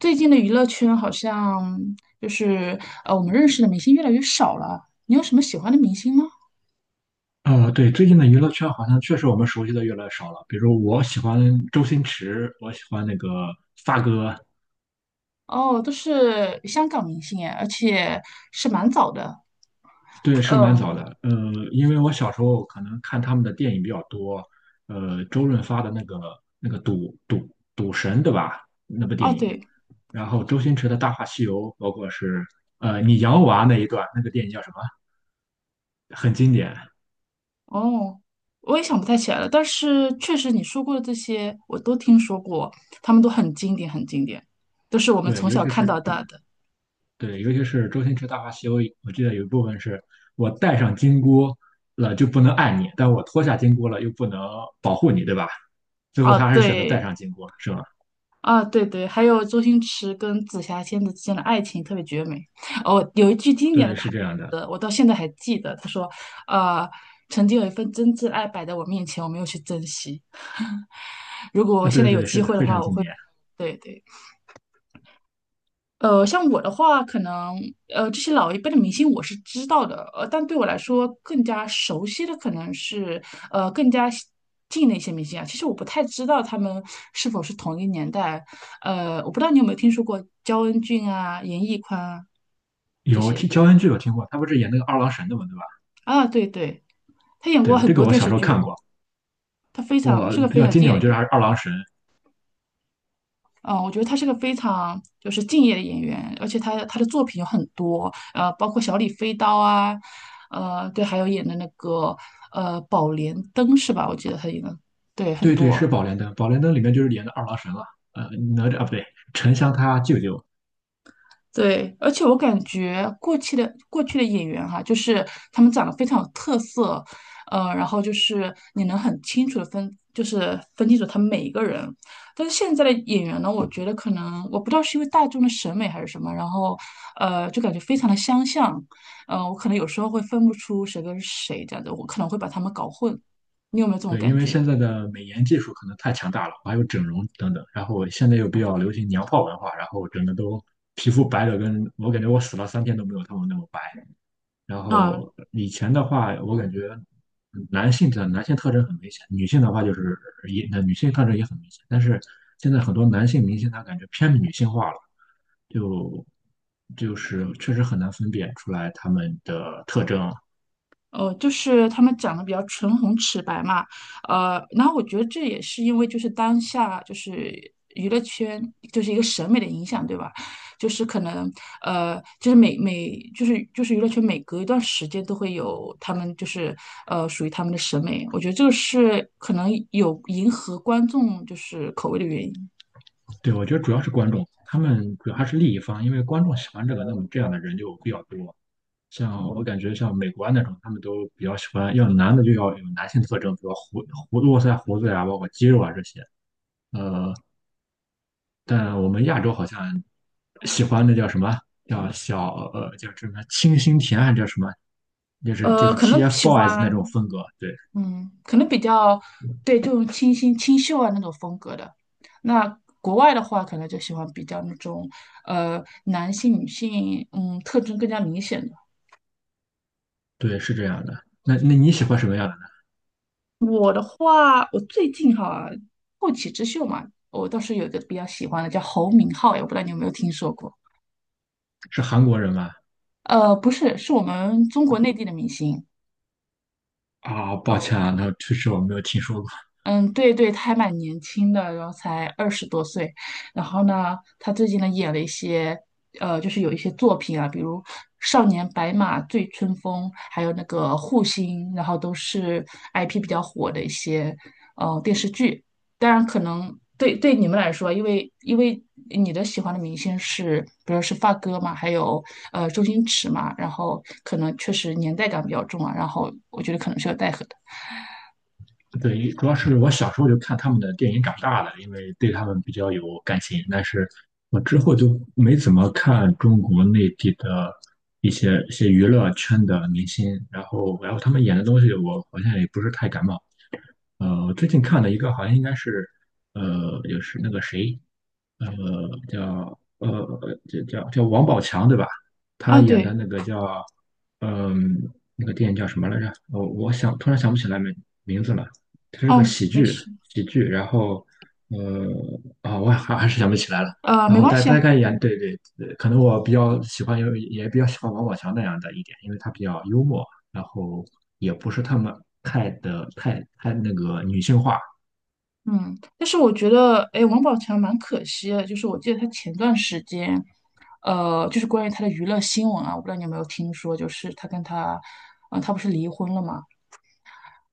最近的娱乐圈好像就是我们认识的明星越来越少了。你有什么喜欢的明星吗？对，最近的娱乐圈好像确实我们熟悉的越来越少了。比如我喜欢周星驰，我喜欢那个发哥，哦，都是香港明星哎，而且是蛮早的。对，是蛮早的。嗯，因为我小时候可能看他们的电影比较多，周润发的那个赌神，对吧？那部哦电影，对，然后周星驰的《大话西游》，包括是你养我啊那一段，那个电影叫什么？很经典。哦，我也想不太起来了。但是确实你说过的这些，我都听说过，他们都很经典，很经典，都是我们对，从尤小其看到是大的。对,尤其是周星驰《大话西游》，我记得有一部分是我戴上金箍了就不能爱你，但我脱下金箍了又不能保护你，对吧？最后哦，他还是选择戴对，上金箍，是吗？啊，对对，还有周星驰跟紫霞仙子之间的爱情特别绝美。哦，有一句经典的对，是台这样的。词，我到现在还记得，他说：“呃，曾经有一份真挚爱摆在我面前，我没有去珍惜。如果啊，现对在有对，是机的，会的非话，常我经会……典。对对，像我的话，可能这些老一辈的明星我是知道的，但对我来说更加熟悉的可能是更加西近的一些明星啊。其实我不太知道他们是否是同一年代，我不知道你有没有听说过焦恩俊啊、严屹宽啊这有些听乔恩剧有听过，他不是演那个二郎神的嘛，对啊，对对，吧？他演过对，很这个多我电小视时候剧，看过。他非常我是个比非较常经敬业典，的我觉演得员。还是二郎神。嗯，我觉得他是个非常就是敬业的演员，而且他的作品有很多，包括《小李飞刀》啊，对，还有演的那个《宝莲灯》是吧？我记得他演的，对，很对对，多。是宝莲灯，宝莲灯里面就是演的二郎神了。呃，哪吒啊，不对，沉香他舅舅。对，而且我感觉过去的演员哈、就是他们长得非常有特色，然后就是你能很清楚的分，就是分清楚他们每一个人。但是现在的演员呢，我觉得可能我不知道是因为大众的审美还是什么，然后就感觉非常的相像，我可能有时候会分不出谁跟谁这样子，我可能会把他们搞混。你有没有这种对，因感为觉？现在的美颜技术可能太强大了，还有整容等等，然后现在又比较流行娘炮文化，然后整个都皮肤白的跟我感觉我死了3天都没有他们那么白。然后以前的话，我感觉男性特征很明显，女性的话就是也那女性特征也很明显，但是现在很多男性明星他感觉偏女性化了，就就是确实很难分辨出来他们的特征，就是他们长得比较唇红齿白嘛，然后我觉得这也是因为就是当下就是娱乐圈就是一个审美的影响，对吧？就是可能呃，就是娱乐圈每隔一段时间都会有他们就是属于他们的审美，我觉得这个是可能有迎合观众就是口味的原因。对，我觉得主要是观众，他们主要还是利益方，因为观众喜欢这个，那么这样的人就比较多。像我感觉像美国啊那种，他们都比较喜欢，要男的就要有男性特征，比如络腮胡子呀，包括肌肉啊这些。呃，但我们亚洲好像喜欢那叫什么？叫什么清新甜还是叫什么？就是就呃，是 可能喜 TFBOYS 那欢种风格。对嗯，可能比较对这种清新清秀啊那种风格的。那国外的话，可能就喜欢比较那种男性女性特征更加明显的。对，是这样的。那你喜欢什么样的呢？我的话，我最近哈后起之秀嘛，我倒是有一个比较喜欢的叫侯明昊，也不知道你有没有听说过？是韩国人吗？不是，是我们中国内地的明星。啊，抱哦。歉啊，那确实我没有听说过。嗯，对对，他还蛮年轻的，然后才二十多岁。然后呢，他最近呢演了一些，就是有一些作品啊，比如《少年白马》《醉春风》，还有那个《护心》，然后都是 IP 比较火的一些，电视剧。当然，可能对对你们来说，因为你的喜欢的明星是，比如说是发哥嘛，还有周星驰嘛，然后可能确实年代感比较重啊，然后我觉得可能是有带合的。对，主要是我小时候就看他们的电影长大的，因为对他们比较有感情。但是我之后就没怎么看中国内地的一些娱乐圈的明星，然后他们演的东西，我好像也不是太感冒。我最近看了一个，好像应该是，也是那个谁，呃，叫呃，叫王宝强对吧？他啊，演的对，那个叫，嗯、那个电影叫什么来着？我想突然想不起来名字了。它是个哦，喜没剧，事。喜剧。然后，呃，啊、我还是想不起来了。呃，然没后关大系啊，大概演，对对，可能我比较喜欢，也比较喜欢王宝强那样的一点，因为他比较幽默。然后也不是他们太的太太那个女性化。嗯，但是我觉得，哎，王宝强蛮可惜的，就是我记得他前段时间，就是关于他的娱乐新闻啊，我不知道你有没有听说，就是他跟他，啊、他不是离婚了嘛，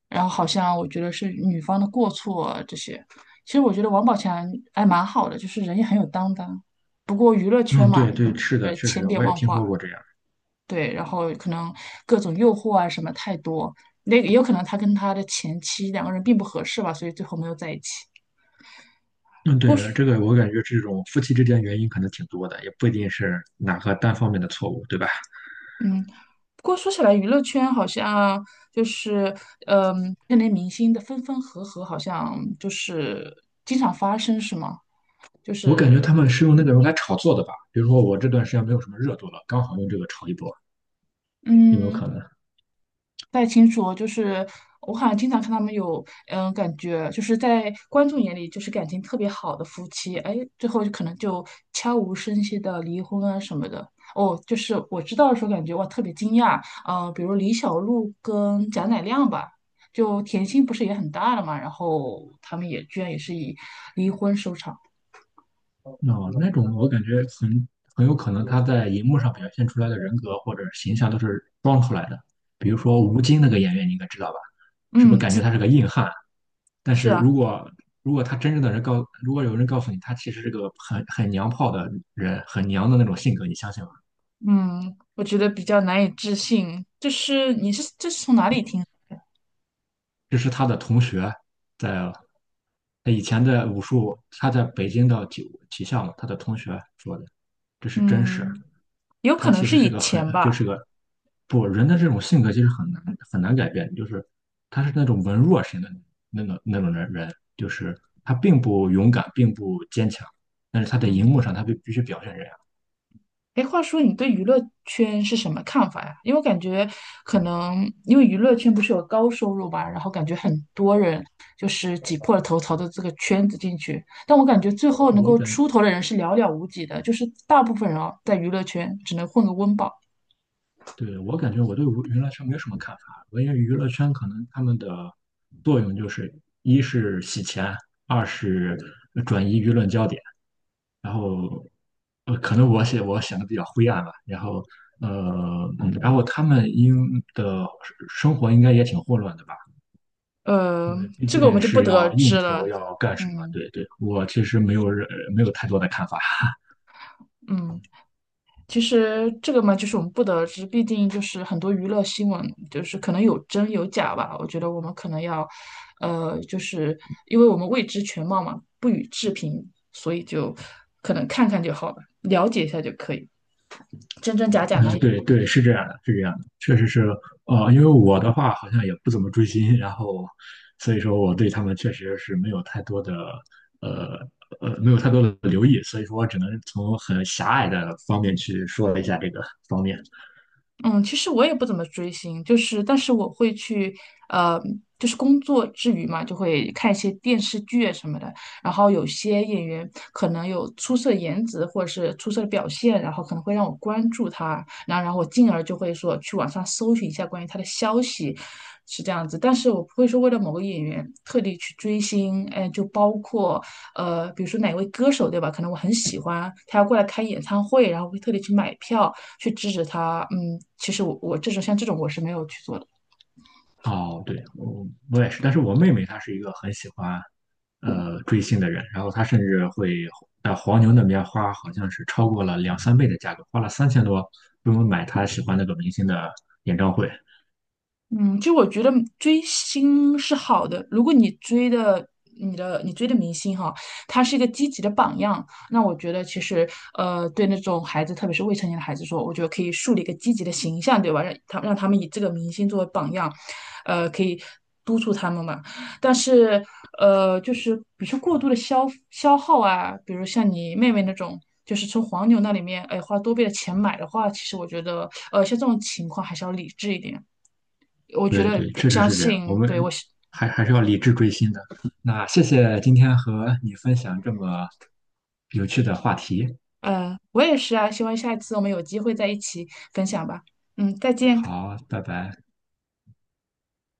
然后好像我觉得是女方的过错啊这些，其实我觉得王宝强还蛮好的，就是人也很有担当，不过娱乐圈嗯，嘛，对对，是的，确千实变我也万听化，说过这样。对，然后可能各种诱惑啊什么太多，那也有可能他跟他的前妻两个人并不合适吧，所以最后没有在一起。嗯，对，这个我感觉这种夫妻之间原因可能挺多的，也不一定是哪个单方面的错误，对吧？不过说起来，娱乐圈好像就是，嗯，那类明星的分分合合，好像就是经常发生，是吗？就我感觉是，他们是用那个人来炒作的吧，比如说我这段时间没有什么热度了，刚好用这个炒一波，有没有嗯。可能？不太清楚哦，就是我好像经常看他们有，嗯，感觉就是在观众眼里就是感情特别好的夫妻，哎，最后就可能悄无声息的离婚啊什么的。哦，就是我知道的时候感觉哇特别惊讶，比如李小璐跟贾乃亮吧，就甜心不是也很大了嘛，然后他们也居然也是以离婚收场。哦，那种我感觉很有可能他在荧幕上表现出来的人格或者形象都是装出来的，比如说吴京那个演员，你应该知道吧？是不是嗯，感觉这他是个硬汉？但是是啊，如果他真正的人告，如果有人告诉你他其实是个很娘炮的人，很娘的那种性格，你相信吗？嗯，我觉得比较难以置信，就是你是这是从哪里听？这是他的同学在他以前在武术，他在北京的体校嘛，他的同学说的，这是真实。嗯。有他可能其实是是以个很前就吧。是个不人的这种性格其实很难很难改变，就是他是那种文弱型的那种人，就是他并不勇敢，并不坚强，但是他在荧嗯幕上他必须表现这样。哎，话说你对娱乐圈是什么看法呀？因为我感觉可能因为娱乐圈不是有高收入嘛，然后感觉很多人就是挤破了头朝着这个圈子进去，但我感觉最后能我够感，出头的人是寥寥无几的，就是大部分人啊，在娱乐圈只能混个温饱。对，我感觉我对娱乐圈没有什么看法，我因为娱乐圈可能他们的作用就是，一是洗钱，二是转移舆论焦点，然后，可能我写我想的比较灰暗吧，然后，呃，然后他们的生活应该也挺混乱的吧，呃，因为毕这个我竟们就不是得而要知应酬，了。要干什么，嗯。对对，我其实没有太多的看法。嗯。其实这个嘛，就是我们不得而知，毕竟就是很多娱乐新闻，就是可能有真有假吧。我觉得我们可能要，就是因为我们未知全貌嘛，不予置评，所以就可能看看就好了，了解一下就可以。真真假嗯，对对，是这样的，是这样的，确实是，因为我的话好像也不怎么追星，然后，所以说我对他们确实是呃没有太多的留意，所以说我只能从很狭隘的方面去说一下这个方面。嗯，其实我也不怎么追星，就是但是我会去，呃，就是工作之余嘛，就会看一些电视剧啊什么的。然后有些演员可能有出色的颜值或者是出色的表现，然后可能会让我关注他，然后我进而就会说去网上搜寻一下关于他的消息，是这样子。但是我不会说为了某个演员特地去追星，哎，就包括比如说哪位歌手对吧？可能我很喜欢，他要过来开演唱会，然后会特地去买票。去制止他，嗯，其实我这种像这种我是没有去做的。哦，对，我也是，但是我妹妹她是一个很喜欢，追星的人，然后她甚至会在黄牛那边花，好像是超过了两三倍的价格，花了3000多，专门买她喜欢那个明星的演唱会。嗯，就我觉得追星是好的，如果你追的明星哈，他是一个积极的榜样，那我觉得其实对那种孩子，特别是未成年的孩子说，我觉得可以树立一个积极的形象，对吧？让他们以这个明星作为榜样，可以督促他们嘛。但是就是比如说过度的消耗啊，比如像你妹妹那种。就是从黄牛那里面，哎，花多倍的钱买的话，其实我觉得，像这种情况还是要理智一点。我觉对得对，我确实相是这样。我信，对，我们是，还是要理智追星的。那谢谢今天和你分享这么有趣的话题。我也是啊，希望下一次我们有机会在一起分享吧。嗯，再见。好，拜拜。